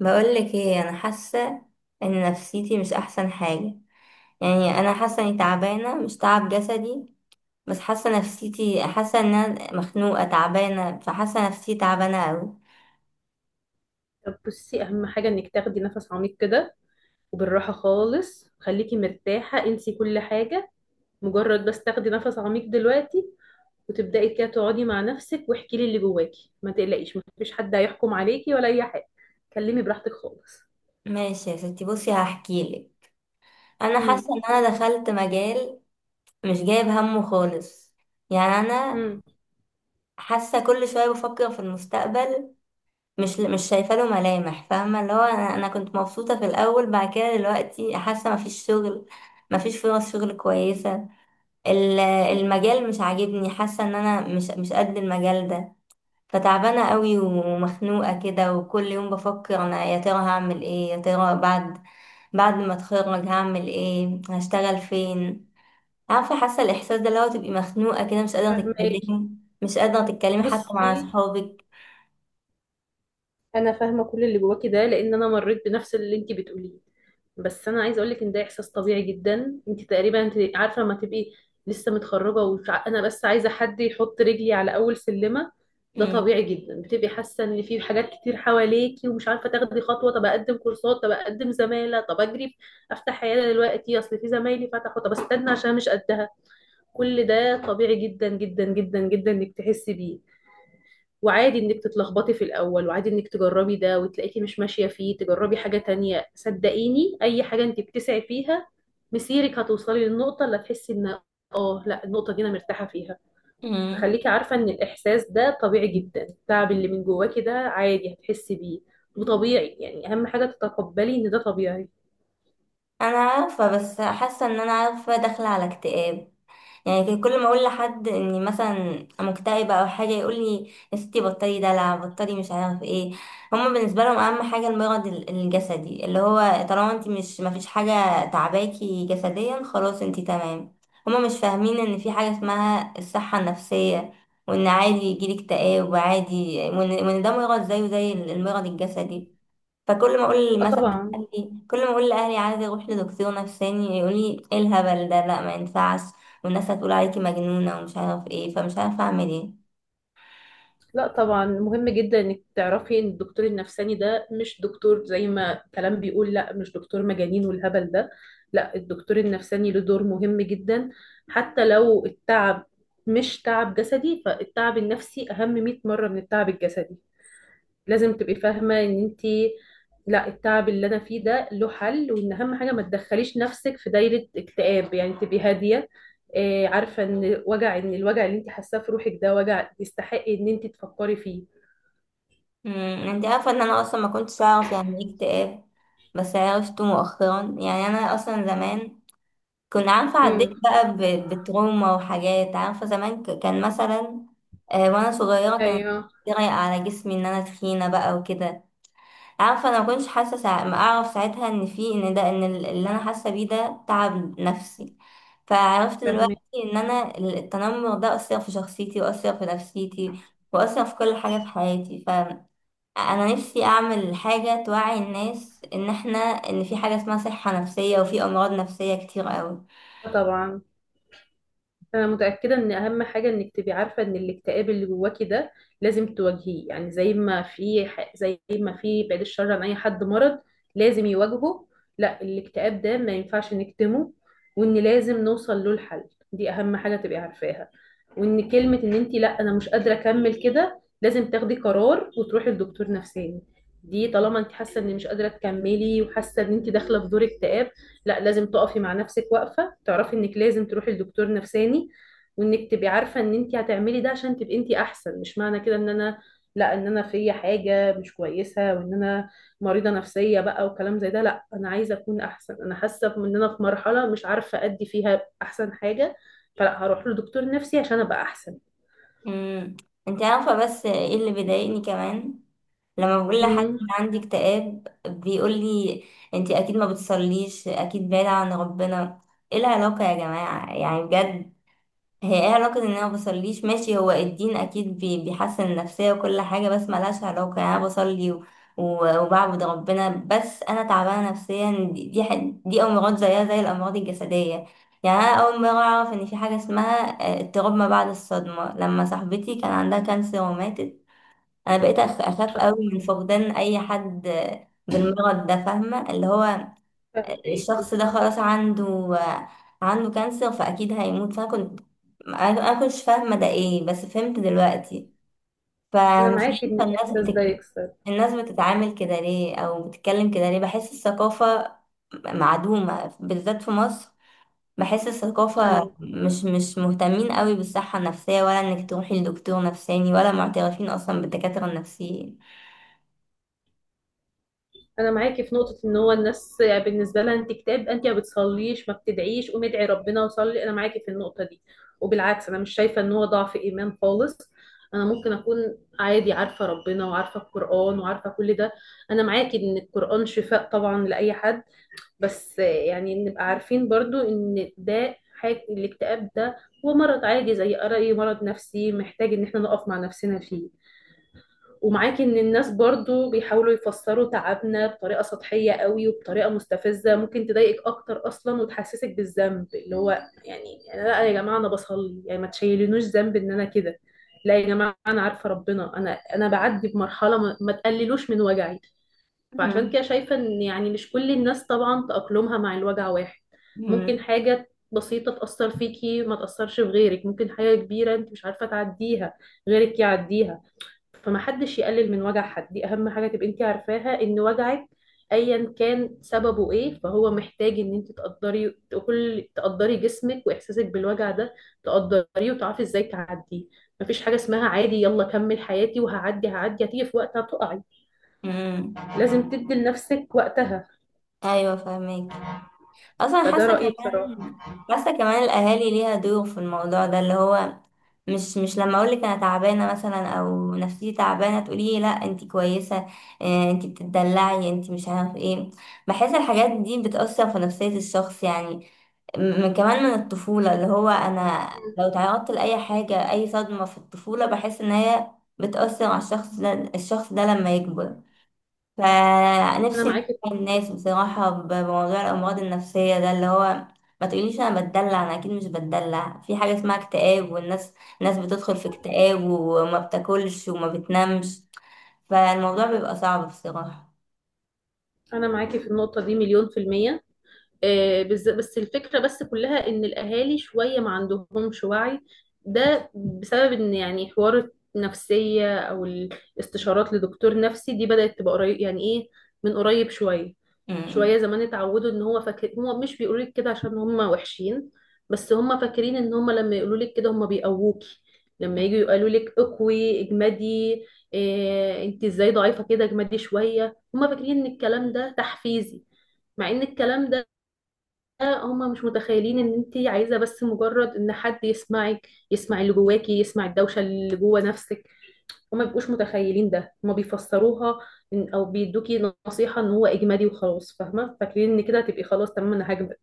بقولك ايه، انا حاسه ان نفسيتي مش احسن حاجه. يعني انا حاسه اني تعبانه مش تعب جسدي، بس حاسه نفسيتي، حاسه ان انا مخنوقه تعبانه، فحاسه نفسيتي تعبانه قوي. طب بصي، اهم حاجه انك تاخدي نفس عميق كده، وبالراحه خالص، خليكي مرتاحه، انسي كل حاجه، مجرد بس تاخدي نفس عميق دلوقتي، وتبداي كده تقعدي مع نفسك واحكي لي اللي جواكي. ما تقلقيش، ما فيش حد هيحكم عليكي ولا اي حاجه. كلمي براحتك خالص. ماشي يا ستي، بصي هحكيلك. انا امم. حاسه ان انا دخلت مجال مش جايب همه خالص. يعني انا امم. حاسه كل شويه بفكر في المستقبل، مش شايفه له ملامح، فاهمه اللي هو انا كنت مبسوطه في الاول، بعد كده دلوقتي حاسه مفيش شغل، مفيش فرص شغل كويسة. المجال مش عاجبني، حاسة ان انا مش قد المجال ده، فتعبانة قوي ومخنوقة كده، وكل يوم بفكر، انا يا ترى هعمل ايه؟ يا ترى بعد ما اتخرج هعمل ايه؟ هشتغل فين؟ عارفة حاسة الاحساس ده، اللي هو تبقي مخنوقة كده، فهماكي. مش قادرة تتكلمي حتى بصي، مع اصحابك. انا فاهمه كل اللي جواكي ده، لان انا مريت بنفس اللي انت بتقوليه. بس انا عايزه اقول لك ان ده احساس طبيعي جدا. انت تقريبا انت عارفه لما تبقي لسه متخرجه، وانا بس عايزه حد يحط رجلي على اول سلمه. ده م- طبيعي جدا، بتبقي حاسه ان في حاجات كتير حواليكي ومش عارفه تاخدي خطوه. طب اقدم كورسات، طب اقدم زماله، طب اجري افتح عياده دلوقتي، اصل في زمايلي فتحوا، طب استنى عشان مش قدها. كل ده طبيعي جدا جدا جدا جدا انك تحسي بيه. وعادي انك تتلخبطي في الاول، وعادي انك تجربي ده وتلاقيكي مش ماشيه فيه تجربي حاجه تانية. صدقيني اي حاجه انت بتسعي فيها، مسيرك هتوصلي للنقطه اللي هتحسي ان اه لا، النقطه دي انا مرتاحه فيها. م. فخليكي عارفه ان الاحساس ده طبيعي جدا. التعب اللي من جواكي ده عادي هتحسي بيه وطبيعي. يعني اهم حاجه تتقبلي ان ده طبيعي. انا عارفة، بس حاسة ان انا عارفة داخلة على اكتئاب. يعني كان كل ما اقول لحد اني مثلا مكتئبه او حاجه، يقول لي يا ستي بطلي دلع، بطلي مش عارف ايه. هما بالنسبه لهم اهم حاجه المرض الجسدي، اللي هو طالما انت مش مفيش حاجه تعباكي جسديا، خلاص انت تمام. هما مش فاهمين ان في حاجه اسمها الصحه النفسيه، وان عادي يجيلك اكتئاب وعادي، وإن ده مرض زيه زي المرض الجسدي. فكل ما اقول اه مثلا طبعا. لاهلي، كل ما اقول لاهلي عايزه اروح لدكتور نفساني، يقول لي ايه الهبل ده؟ لا، ما ينفعش، والناس هتقول عليكي مجنونه ومش عارف ايه. فمش عارفه اعمل ايه. لا طبعا، مهم جدا انك تعرفي ان الدكتور النفساني ده مش دكتور زي ما كلام بيقول. لا، مش دكتور مجانين والهبل ده. لا، الدكتور النفساني له دور مهم جدا. حتى لو التعب مش تعب جسدي، فالتعب النفسي اهم 100 مرة من التعب الجسدي. لازم تبقي فاهمة ان انت، لا، التعب اللي انا فيه ده له حل، وان اهم حاجة ما تدخليش نفسك في دايرة اكتئاب، يعني تبقي هادية. آه، عارفة ان وجع، ان الوجع اللي انت حاساه في روحك ده وجع يستحق ان انت تفكري فيه. انت عارفه ان انا اصلا ما كنتش اعرف يعني ايه اكتئاب، بس عرفته مؤخرا. يعني انا اصلا زمان كنت عارفه عديت امم. بقى بتروما وحاجات، عارفه زمان كان مثلا، وانا صغيره كان ايوه يضايق على جسمي ان انا تخينه بقى وكده. عارفه انا ما كنتش حاسه ما اعرف ساعتها ان في، ان ده، ان اللي انا حاسه بيه ده تعب نفسي، فعرفت دلوقتي فاهمك. ان انا التنمر ده اثر في شخصيتي، واثر في نفسيتي، واثر في كل حاجه في حياتي. فانا نفسي اعمل حاجه توعي الناس، ان في حاجه اسمها صحه نفسيه، وفي امراض نفسيه كتير قوي. آه، طبعا. انا متاكده ان اهم حاجه انك تبقي عارفه ان الاكتئاب اللي جواكي ده لازم تواجهيه. يعني زي ما في بعيد الشر عن اي حد مرض لازم يواجهه. لا، الاكتئاب ده ما ينفعش نكتمه، وان لازم نوصل له الحل، دي اهم حاجه تبقي عارفاها. وان كلمه ان انت لا انا مش قادره اكمل كده، لازم تاخدي قرار وتروحي لدكتور نفساني. دي طالما انت حاسه ان مش قادره تكملي، وحاسه ان انت داخله في دور اكتئاب، لا لازم تقفي مع نفسك واقفة تعرفي انك لازم تروحي لدكتور نفساني. وانك تبقي عارفة ان انت هتعملي ده عشان تبقي انت احسن، مش معنى كده ان انا، لا، ان انا في حاجة مش كويسة وان انا مريضة نفسية بقى وكلام زي ده. لا، انا عايزة اكون احسن. انا حاسة ان انا في مرحلة مش عارفة ادي فيها احسن حاجة، فلا هروح لدكتور نفسي عشان ابقى احسن. امم انت عارفه بس ايه اللي بيضايقني كمان؟ لما بقول لحد ان امم. عندي اكتئاب، بيقول لي انتي اكيد ما بتصليش، اكيد بعيدة عن ربنا. ايه العلاقة يا جماعة؟ يعني بجد، هي ايه علاقة ان انا ما بصليش؟ ماشي، هو الدين اكيد بيحسن النفسية وكل حاجة، بس ملهاش علاقة. يعني انا بصلي وبعبد ربنا، بس انا تعبانة نفسيا. دي امراض زيها زي الامراض الجسدية. يعني انا اول مرة اعرف ان في حاجة اسمها، اضطراب ما بعد الصدمة، لما صاحبتي كان عندها كانسر وماتت. انا بقيت اخاف قوي من فقدان اي حد بالمرض ده، فاهمه اللي هو فاهماكي. الشخص ده خلاص عنده كانسر، فاكيد هيموت. فانا كنت أنا كنتش فاهمه ده ايه، بس فهمت دلوقتي. انا فمش معاكي ان عارفه الناس الاحساس ده يكسر. الناس بتتعامل كده ليه، او بتتكلم كده ليه؟ بحس الثقافه معدومه بالذات في مصر. بحس الثقافة مش مهتمين قوي بالصحة النفسية، ولا انك تروحي لدكتور نفساني، ولا معترفين اصلا بالدكاترة النفسيين. انا معاكي في نقطه ان هو الناس بالنسبه لها انت كتاب، انت ما بتصليش ما بتدعيش قومي ادعي ربنا وصلي، انا معاكي في النقطه دي. وبالعكس، انا مش شايفه ان هو ضعف ايمان خالص. انا ممكن اكون عادي عارفه ربنا وعارفه القران وعارفه كل ده. انا معاكي ان القران شفاء طبعا لاي حد، بس يعني نبقى عارفين برضو ان ده حاجه، الاكتئاب ده هو مرض عادي زي اي مرض نفسي محتاج ان احنا نقف مع نفسنا فيه. ومعاكي ان الناس برضو بيحاولوا يفسروا تعبنا بطريقة سطحية قوي وبطريقة مستفزة ممكن تضايقك اكتر اصلا وتحسسك بالذنب، اللي هو يعني لا يا جماعة انا بصلي، يعني ما تشيلونوش ذنب ان انا كده. لا يا جماعة انا عارفة ربنا، انا بعدي بمرحلة، ما تقللوش من وجعي. فعشان كده شايفة ان يعني مش كل الناس طبعا تأقلمها مع الوجع واحد. مم. ممكن حاجة بسيطة تأثر فيكي ما تأثرش في غيرك، ممكن حاجة كبيرة انت مش عارفة تعديها غيرك يعديها. فما حدش يقلل من وجع حد، دي اهم حاجه تبقي انت عارفاها. ان وجعك ايا كان سببه ايه، فهو محتاج ان انت تقدري، كل تقدري جسمك واحساسك بالوجع ده، تقدريه وتعرفي ازاي تعديه. مفيش حاجه اسمها عادي يلا كمل حياتي وهعدي، هعدي هتيجي في وقتها تقعي. مم. لازم تدي لنفسك وقتها. ايوه، فاهمك. اصلا حاسه فده رايي بصراحه. كمان، الاهالي ليها دور في الموضوع ده، اللي هو مش لما اقول لك انا تعبانه مثلا، او نفسيتي تعبانه، تقولي لي لا انت كويسه، انت بتدلعي، انت مش عارف ايه. بحس الحاجات دي بتاثر في نفسيه الشخص. يعني من كمان، من الطفوله، اللي هو انا لو تعرضت لاي حاجه، اي صدمه في الطفوله، بحس ان هي بتاثر على الشخص ده، لما يكبر. انا فنفسي معاكي. نوعي الناس بصراحة بموضوع الأمراض النفسية ده، اللي هو ما تقوليش أنا بتدلع، أنا أكيد مش بتدلع. في حاجة اسمها اكتئاب، والناس، بتدخل في اكتئاب وما بتاكلش وما بتنامش، فالموضوع بيبقى صعب بصراحة. انا معاكي في النقطه دي مليون في الميه. آه، بس الفكرة بس كلها ان الاهالي شوية ما عندهمش وعي. ده بسبب ان يعني حوار النفسية او الاستشارات لدكتور نفسي دي بدأت تبقى قريب، يعني ايه، من قريب شوية. أمم. شوية زمان اتعودوا ان هو فاكر، هو مش بيقولوا لك كده عشان هم وحشين، بس هم فاكرين ان هم لما يقولوا لك كده هم بيقووكي. لما يجوا يقولوا لك اقوي اجمدي، إيه انت ازاي ضعيفة كده اجمدي شوية، هم فاكرين ان الكلام ده تحفيزي. مع ان الكلام ده، هما مش متخيلين ان انت عايزه بس مجرد ان حد يسمعك، يسمع اللي جواكي، يسمع الدوشه اللي جوا نفسك. هما مبيبقوش متخيلين ده، هما بيفسروها او بيدوكي نصيحه ان هو اجمالي وخلاص فاهمه، فاكرين ان كده هتبقي خلاص تمام انا هجمد.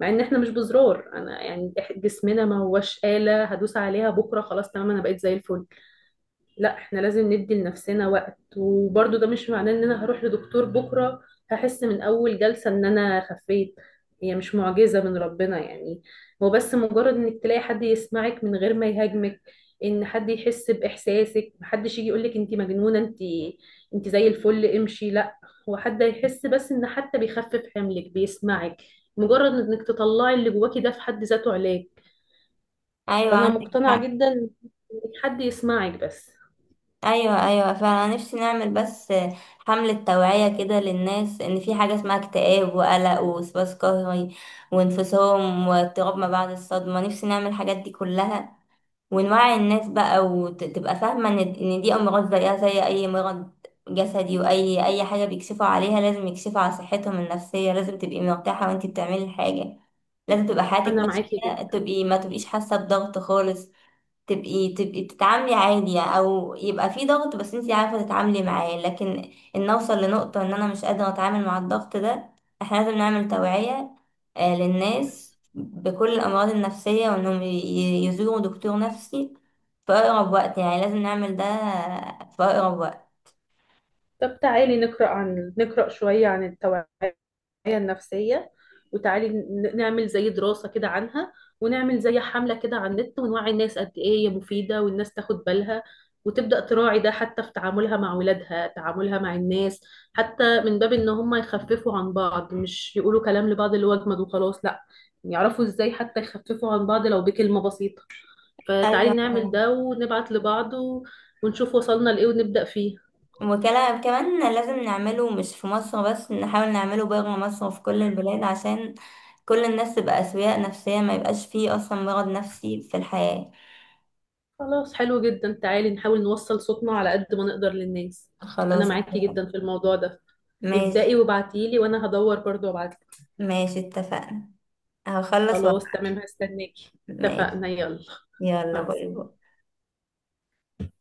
مع ان احنا مش بزرار، انا يعني جسمنا ما هوش آلة هدوس عليها بكره خلاص تمام انا بقيت زي الفل. لا، احنا لازم ندي لنفسنا وقت. وبرضو ده مش معناه ان انا هروح لدكتور بكرة هحس من اول جلسة ان انا خفيت، هي مش معجزة من ربنا يعني. هو بس مجرد انك تلاقي حد يسمعك من غير ما يهاجمك، ان حد يحس باحساسك، محدش يجي يقولك انت مجنونة، انت انت زي الفل امشي، لا. هو حد يحس بس، ان حتى بيخفف حملك بيسمعك، مجرد انك تطلعي اللي جواكي ده في حد ذاته علاج. أيوة، فانا عندك مقتنعة حق. جدا انك حد يسمعك بس. أيوة، أيوة، فأنا نفسي نعمل بس حملة توعية كده للناس، إن في حاجة اسمها اكتئاب وقلق ووسواس قهري وانفصام واضطراب ما بعد الصدمة. نفسي نعمل الحاجات دي كلها، ونوعي الناس بقى وتبقى فاهمة ان دي امراض زيها زي اي مرض جسدي. اي حاجة بيكشفوا عليها، لازم يكشفوا على صحتهم النفسية. لازم تبقي مرتاحة وانتي بتعملي الحاجة، لازم تبقى حياتك انا معاكي ماشية، جدا. ما تبقيش حاسة بضغط خالص. تبقي تتعاملي عادي، او يبقى في ضغط بس انتي عارفة تتعاملي معاه، لكن ان اوصل لنقطة ان انا مش قادرة اتعامل مع الضغط ده. احنا لازم نعمل توعية، للناس بكل الامراض النفسية، وانهم يزوروا دكتور نفسي في اقرب وقت. يعني لازم نعمل ده في اقرب وقت. طب تعالي نقرأ شوية عن التوعية النفسية. وتعالي نعمل زي دراسة كده عنها، ونعمل زي حملة كده على النت ونوعي الناس قد إيه هي مفيدة، والناس تاخد بالها وتبدأ تراعي ده حتى في تعاملها مع ولادها، تعاملها مع الناس. حتى من باب إن هم يخففوا عن بعض، مش يقولوا كلام لبعض اللي هو أجمد وخلاص لأ، يعرفوا إزاي حتى يخففوا عن بعض لو بكلمة بسيطة. ايوه، فتعالي نعمل ده ونبعت لبعض، ونشوف وصلنا لإيه ونبدأ فيه. وكلا كمان لازم نعمله، مش في مصر بس، نحاول نعمله بره مصر وفي كل البلاد، عشان كل الناس تبقى أسوياء نفسية، ما يبقاش فيه أصلا مرض نفسي في الحياة. خلاص حلو جدا، تعالي نحاول نوصل صوتنا على قد ما نقدر للناس. انا خلاص، معاكي اتفقنا. جدا في الموضوع ده. ابدأي ماشي. وابعتيلي وانا هدور برضو وابعتلك. ماشي، اتفقنا. هخلص وقت. خلاص تمام، هستناكي. ماشي. اتفقنا، يلا، يلا، مع باي السلامة. باي.